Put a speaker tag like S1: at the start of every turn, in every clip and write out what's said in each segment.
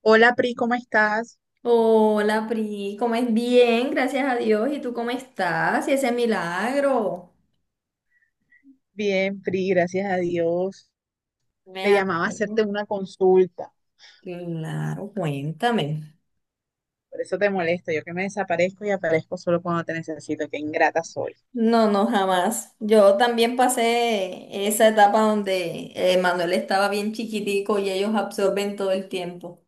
S1: Hola, Pri, ¿cómo estás?
S2: Hola, Pri, ¿cómo es? Bien, gracias a Dios. ¿Y tú cómo estás? ¿Y ese milagro?
S1: Bien, Pri, gracias a Dios.
S2: Me
S1: Te llamaba a
S2: alegro.
S1: hacerte una consulta,
S2: Claro, cuéntame.
S1: por eso te molesto. Yo que me desaparezco y aparezco solo cuando te necesito, qué ingrata soy.
S2: No, no, jamás. Yo también pasé esa etapa donde Manuel estaba bien chiquitico y ellos absorben todo el tiempo.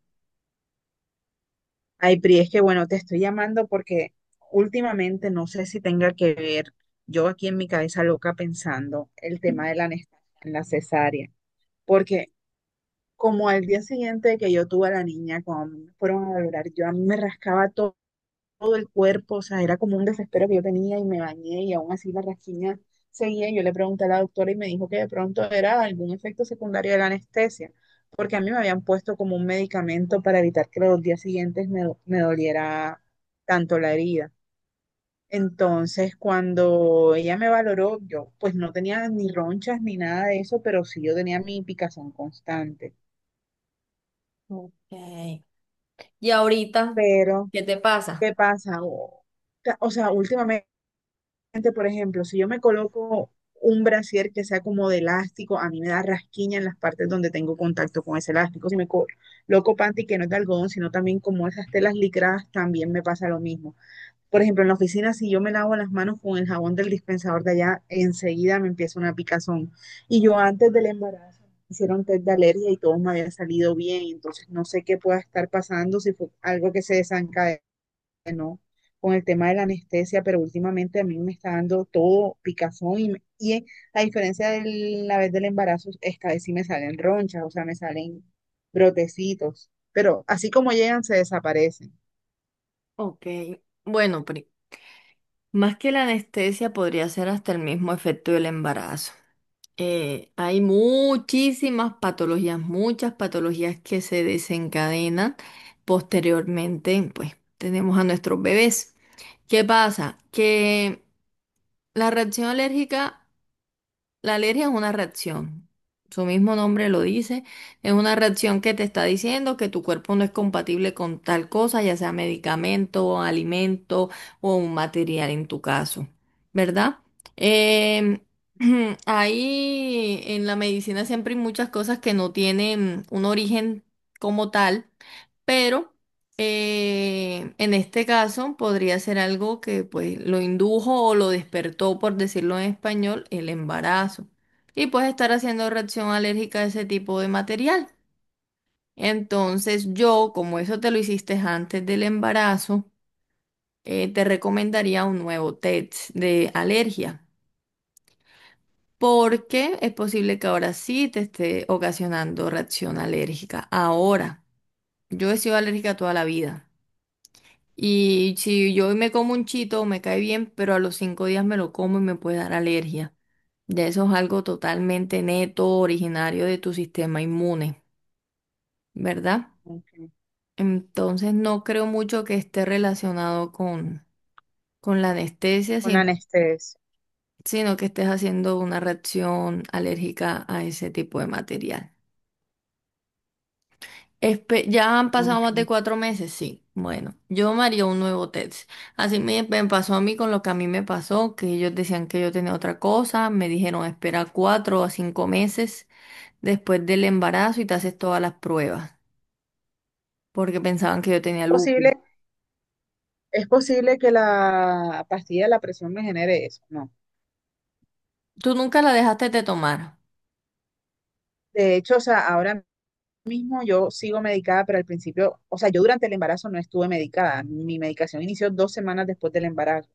S1: Ay, Pri, es que bueno, te estoy llamando porque últimamente no sé si tenga que ver, yo aquí en mi cabeza loca pensando el tema de la anestesia en la cesárea, porque como al día siguiente de que yo tuve a la niña, cuando me fueron a valorar, yo a mí me rascaba todo el cuerpo, o sea, era como un desespero que yo tenía y me bañé y aún así la rasquiña seguía. Yo le pregunté a la doctora y me dijo que de pronto era algún efecto secundario de la anestesia, porque a mí me habían puesto como un medicamento para evitar que los días siguientes me doliera tanto la herida. Entonces, cuando ella me valoró, yo pues no tenía ni ronchas ni nada de eso, pero sí yo tenía mi picazón constante.
S2: Ok. ¿Y ahorita
S1: Pero
S2: qué te pasa?
S1: ¿qué pasa? O sea, últimamente, por ejemplo, si yo me coloco un brasier que sea como de elástico, a mí me da rasquiña en las partes donde tengo contacto con ese elástico. Si me coloco panty que no es de algodón, sino también como esas telas licradas, también me pasa lo mismo. Por ejemplo, en la oficina, si yo me lavo las manos con el jabón del dispensador de allá, enseguida me empieza una picazón. Y yo antes del embarazo me hicieron test de alergia y todo me había salido bien, entonces no sé qué pueda estar pasando, si fue algo que se desencadenó, ¿no? Con el tema de la anestesia, pero últimamente a mí me está dando todo picazón y, a diferencia de la vez del embarazo, esta vez sí me salen ronchas, o sea, me salen brotecitos, pero así como llegan, se desaparecen.
S2: Ok. Bueno, más que la anestesia podría ser hasta el mismo efecto del embarazo. Eh, hay muchísimas patologías, muchas patologías que se desencadenan posteriormente, pues tenemos a nuestros bebés. ¿Qué pasa? Que la reacción alérgica, la alergia es una reacción, su mismo nombre lo dice, es una reacción que te está diciendo que tu cuerpo no es compatible con tal cosa, ya sea medicamento, alimento o un material en tu caso, ¿verdad? Em, ahí en la medicina siempre hay muchas cosas que no tienen un origen como tal, pero en este caso podría ser algo que pues lo indujo o lo despertó, por decirlo en español, el embarazo. Y puedes estar haciendo reacción alérgica a ese tipo de material. Entonces yo, como eso te lo hiciste antes del embarazo, te recomendaría un nuevo test de alergia. Porque es posible que ahora sí te esté ocasionando reacción alérgica. Ahora, yo he sido alérgica toda la vida. Y si yo me como un chito, me cae bien, pero a los cinco días me lo como y me puede dar alergia. Ya eso es algo totalmente neto, originario de tu sistema inmune, ¿verdad?
S1: Ok.
S2: Entonces no creo mucho que esté relacionado con la anestesia,
S1: Con la anestesia.
S2: sino que estés haciendo una reacción alérgica a ese tipo de material. Ya han pasado
S1: Ok.
S2: más de 4 meses, sí. Bueno, yo me haría un nuevo test. Así me pasó a mí con lo que a mí me pasó, que ellos decían que yo tenía otra cosa, me dijeron espera 4 a 5 meses después del embarazo y te haces todas las pruebas, porque pensaban que yo
S1: Es
S2: tenía lupus.
S1: posible, es posible que la pastilla de la presión me genere eso, ¿no?
S2: ¿Tú nunca la dejaste de tomar?
S1: De hecho, o sea, ahora mismo yo sigo medicada, pero al principio, o sea, yo durante el embarazo no estuve medicada. Mi medicación inició dos semanas después del embarazo.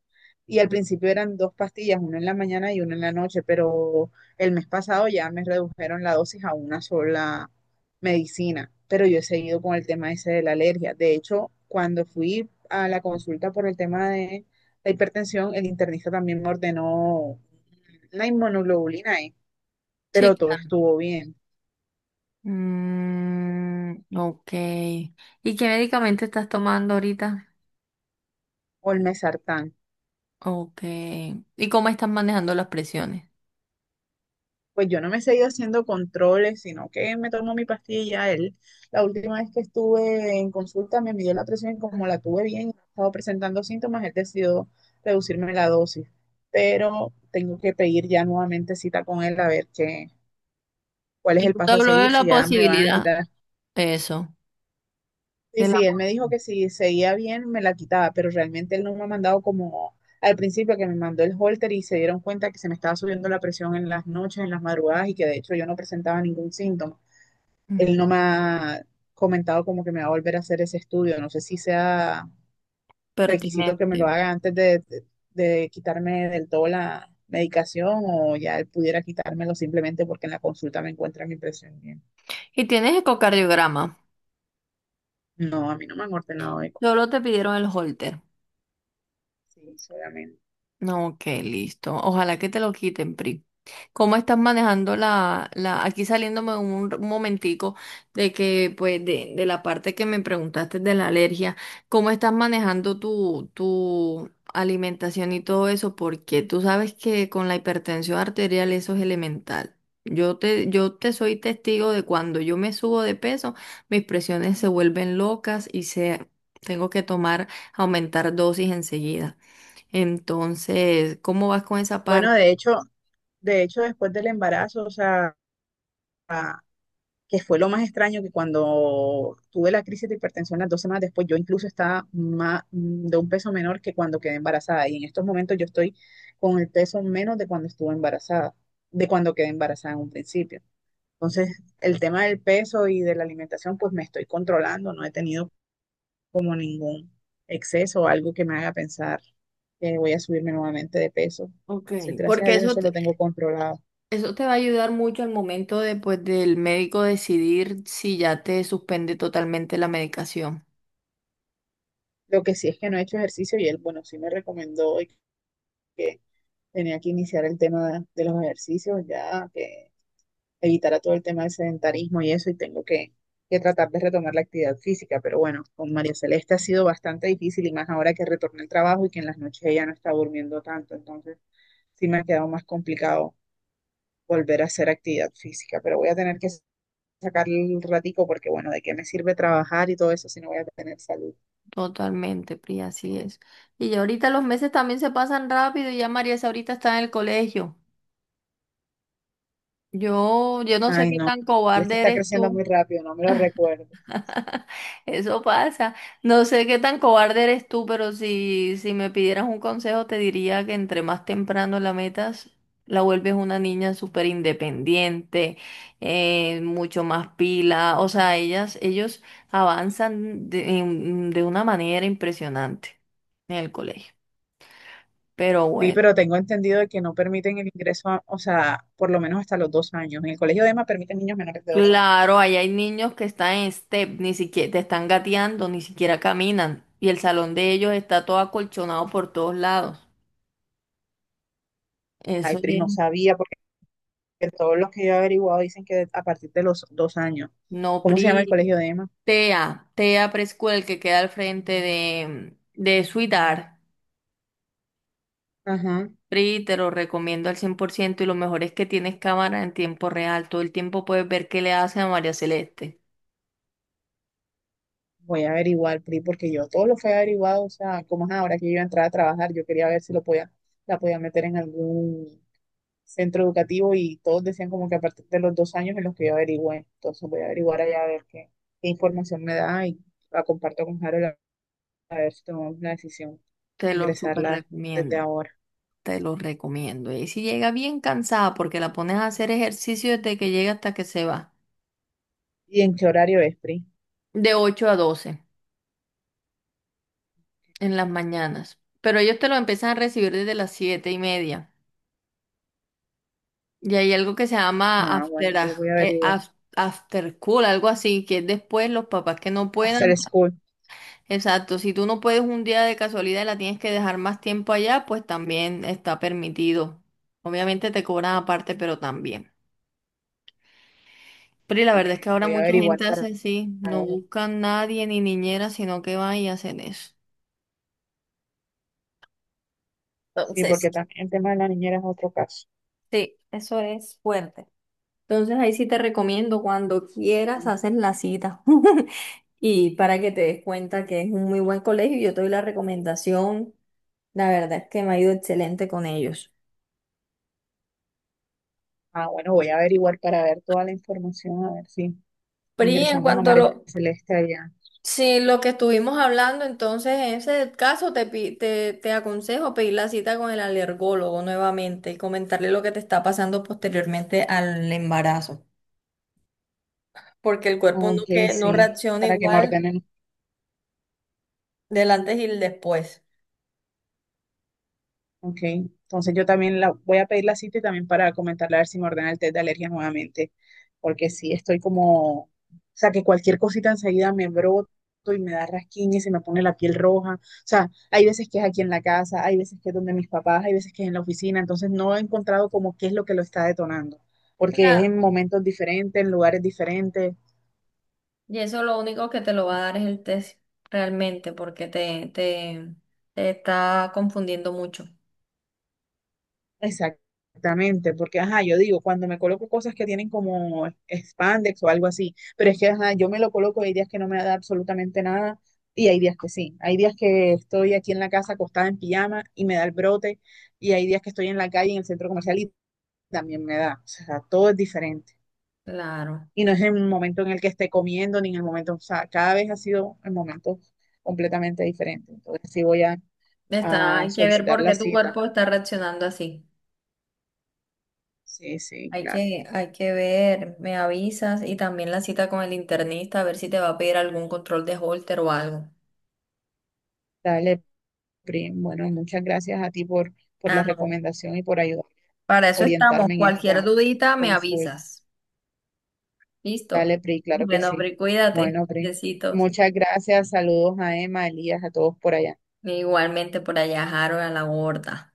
S1: Y al principio eran dos pastillas, una en la mañana y una en la noche, pero el mes pasado ya me redujeron la dosis a una sola medicina. Pero yo he seguido con el tema ese de la alergia. De hecho, cuando fui a la consulta por el tema de la hipertensión, el internista también me ordenó la inmunoglobulina E,
S2: Sí,
S1: pero todo
S2: claro.
S1: estuvo bien,
S2: Mm, ok. ¿Y qué medicamento estás tomando ahorita?
S1: o el mesartán.
S2: Ok. ¿Y cómo estás manejando las presiones?
S1: Pues yo no me he seguido haciendo controles, sino que me tomo mi pastilla. Él, la última vez que estuve en consulta, me midió la presión y como la tuve bien y no estaba presentando síntomas, él decidió reducirme la dosis. Pero tengo que pedir ya nuevamente cita con él a ver qué, cuál es el
S2: Yo te
S1: paso a
S2: hablo de
S1: seguir,
S2: la
S1: si ya me van a
S2: posibilidad.
S1: quitar.
S2: Eso,
S1: Y
S2: del
S1: sí, él me
S2: amor.
S1: dijo que si seguía bien, me la quitaba, pero realmente él no me ha mandado como al principio que me mandó el holter y se dieron cuenta que se me estaba subiendo la presión en las noches, en las madrugadas y que de hecho yo no presentaba ningún síntoma.
S2: Mm.
S1: Él no me ha comentado como que me va a volver a hacer ese estudio. No sé si sea requisito que me lo
S2: Pertinente.
S1: haga antes de quitarme del todo la medicación o ya él pudiera quitármelo simplemente porque en la consulta me encuentran mi presión bien.
S2: Y tienes ecocardiograma.
S1: No, a mí no me han ordenado eco.
S2: Solo te pidieron el holter.
S1: Sí, solamente.
S2: No, ok, listo. Ojalá que te lo quiten, Pri. ¿Cómo estás manejando aquí saliéndome un momentico de que, pues, de la parte que me preguntaste de la alergia, ¿cómo estás manejando tu alimentación y todo eso? Porque tú sabes que con la hipertensión arterial eso es elemental. Yo te soy testigo de cuando yo me subo de peso, mis presiones se vuelven locas y tengo que tomar, aumentar dosis enseguida. Entonces, ¿cómo vas con esa
S1: Bueno,
S2: parte?
S1: de hecho, después del embarazo, o sea, que fue lo más extraño que cuando tuve la crisis de hipertensión las dos semanas después, yo incluso estaba más, de un peso menor que cuando quedé embarazada. Y en estos momentos yo estoy con el peso menos de cuando estuve embarazada, de cuando quedé embarazada en un principio. Entonces, el tema del peso y de la alimentación, pues me estoy controlando, no he tenido como ningún exceso o algo que me haga pensar que voy a subirme nuevamente de peso.
S2: Ok.
S1: Entonces, gracias a
S2: Porque
S1: Dios eso lo tengo controlado.
S2: eso te va a ayudar mucho al momento de, pues, del médico decidir si ya te suspende totalmente la medicación.
S1: Lo que sí es que no he hecho ejercicio y él, bueno, sí me recomendó hoy que tenía que iniciar el tema de los ejercicios, ya que evitara todo el tema del sedentarismo y eso, y tengo que tratar de retomar la actividad física. Pero bueno, con María Celeste ha sido bastante difícil y más ahora que retorné al trabajo y que en las noches ella no está durmiendo tanto, entonces sí me ha quedado más complicado volver a hacer actividad física, pero voy a tener que sacar el ratico porque bueno, ¿de qué me sirve trabajar y todo eso si no voy a tener salud?
S2: Totalmente, Pri, así es. Y ya ahorita los meses también se pasan rápido y ya María Isa ahorita está en el colegio. Yo no sé
S1: Ay,
S2: qué
S1: no,
S2: tan
S1: Celeste
S2: cobarde
S1: está
S2: eres
S1: creciendo
S2: tú.
S1: muy rápido, no me lo recuerdo.
S2: Eso pasa. No sé qué tan cobarde eres tú, pero si me pidieras un consejo, te diría que entre más temprano la metas, la vuelves una niña súper independiente, mucho más pila. O sea, ellos avanzan de una manera impresionante en el colegio. Pero
S1: Sí,
S2: bueno,
S1: pero tengo entendido de que no permiten el ingreso, o sea, por lo menos hasta los dos años. En el colegio de Ema permiten niños menores de dos años.
S2: claro, ahí hay niños que están en step, ni siquiera te están gateando, ni siquiera caminan. Y el salón de ellos está todo acolchonado por todos lados.
S1: Ay,
S2: Eso
S1: Pri,
S2: es.
S1: no sabía, porque todos los que yo he averiguado dicen que a partir de los dos años.
S2: No,
S1: ¿Cómo
S2: Pri,
S1: se llama el colegio de Ema?
S2: TEA, TEA Preschool, el que queda al frente de Suidar.
S1: Ajá.
S2: Pri, te lo recomiendo al 100% y lo mejor es que tienes cámara en tiempo real. Todo el tiempo puedes ver qué le hace a María Celeste.
S1: Voy a averiguar, Pri, porque yo todo lo fue averiguado, o sea, como es ahora que yo iba a entrar a trabajar, yo quería ver si lo podía, la podía meter en algún centro educativo y todos decían como que a partir de los dos años en los que yo averigüé. Entonces voy a averiguar allá a ver qué, qué información me da y la comparto con Harold a ver si tomamos la decisión
S2: Te
S1: de
S2: lo súper
S1: ingresarla desde
S2: recomiendo,
S1: ahora.
S2: te lo recomiendo. Y si llega bien cansada porque la pones a hacer ejercicio desde que llega hasta que se va,
S1: ¿Y en qué horario es, Pri?
S2: de 8 a 12 en las mañanas. Pero ellos te lo empiezan a recibir desde las siete y media. Y hay algo que se llama
S1: Ah, bueno, entonces voy a averiguar.
S2: after school, algo así, que es después los papás que no puedan.
S1: After school.
S2: Exacto, si tú no puedes un día de casualidad y la tienes que dejar más tiempo allá, pues también está permitido. Obviamente te cobran aparte, pero también. Pero y la
S1: Ok,
S2: verdad es que ahora
S1: voy a
S2: mucha
S1: averiguar
S2: gente hace
S1: para
S2: así, no
S1: ver.
S2: buscan nadie ni niñera, sino que van y hacen eso.
S1: Sí,
S2: Entonces,
S1: porque también el tema de la niñera es otro caso.
S2: sí, eso es fuerte. Entonces ahí sí te recomiendo cuando quieras
S1: Ujú.
S2: hacer la cita y para que te des cuenta que es un muy buen colegio, yo te doy la recomendación, la verdad es que me ha ido excelente con ellos.
S1: Ah, bueno, voy a averiguar para ver toda la información, a ver si
S2: Pri, en
S1: ingresamos a
S2: cuanto a lo,
S1: María Celeste allá.
S2: si lo que estuvimos hablando, entonces en ese caso te aconsejo pedir la cita con el alergólogo nuevamente y comentarle lo que te está pasando posteriormente al embarazo, porque el cuerpo
S1: Ok,
S2: no
S1: sí,
S2: reacciona
S1: para que me
S2: igual
S1: ordenen.
S2: del antes y el después.
S1: Ok, entonces yo también la, voy a pedir la cita y también para comentarle a ver si me ordena el test de alergia nuevamente, porque sí estoy como, o sea, que cualquier cosita enseguida me broto y me da rasquiña y se me pone la piel roja. O sea, hay veces que es aquí en la casa, hay veces que es donde mis papás, hay veces que es en la oficina, entonces no he encontrado como qué es lo que lo está detonando, porque es
S2: Claro.
S1: en momentos diferentes, en lugares diferentes.
S2: Y eso lo único que te lo va a dar es el test realmente, porque te está confundiendo mucho.
S1: Exactamente, porque ajá, yo digo, cuando me coloco cosas que tienen como spandex o algo así, pero es que ajá, yo me lo coloco, hay días que no me da absolutamente nada y hay días que sí. Hay días que estoy aquí en la casa acostada en pijama y me da el brote y hay días que estoy en la calle, en el centro comercial y también me da. O sea, todo es diferente.
S2: Claro.
S1: Y no es en el momento en el que esté comiendo ni en el momento, o sea, cada vez ha sido el momento completamente diferente. Entonces sí voy
S2: Está,
S1: a
S2: hay que ver
S1: solicitar
S2: por
S1: la
S2: qué tu
S1: cita.
S2: cuerpo está reaccionando así.
S1: Sí, sí, claro.
S2: Hay que ver, me avisas y también la cita con el internista, a ver si te va a pedir algún control de Holter o algo.
S1: Dale, Prim. Bueno, muchas gracias a ti por
S2: Ah,
S1: la
S2: no.
S1: recomendación y por ayudar,
S2: Para eso estamos.
S1: orientarme en
S2: Cualquier
S1: esta
S2: dudita, me
S1: consulta.
S2: avisas.
S1: Dale,
S2: Listo.
S1: Pri, claro que
S2: Bueno,
S1: sí.
S2: Pri, cuídate.
S1: Bueno, Pri,
S2: Besitos.
S1: muchas gracias. Saludos a Emma, a Elías, a todos por allá.
S2: Igualmente por allá, Harold, a la gorda.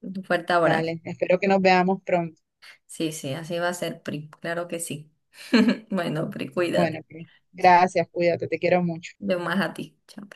S2: Un fuerte abrazo.
S1: Dale, espero que nos veamos pronto.
S2: Sí, sí, así va a ser, Pri. Claro que sí. Bueno, Pri,
S1: Bueno,
S2: cuídate.
S1: Pri,
S2: Chao.
S1: gracias, cuídate, te quiero mucho.
S2: Yo más a ti. Chao.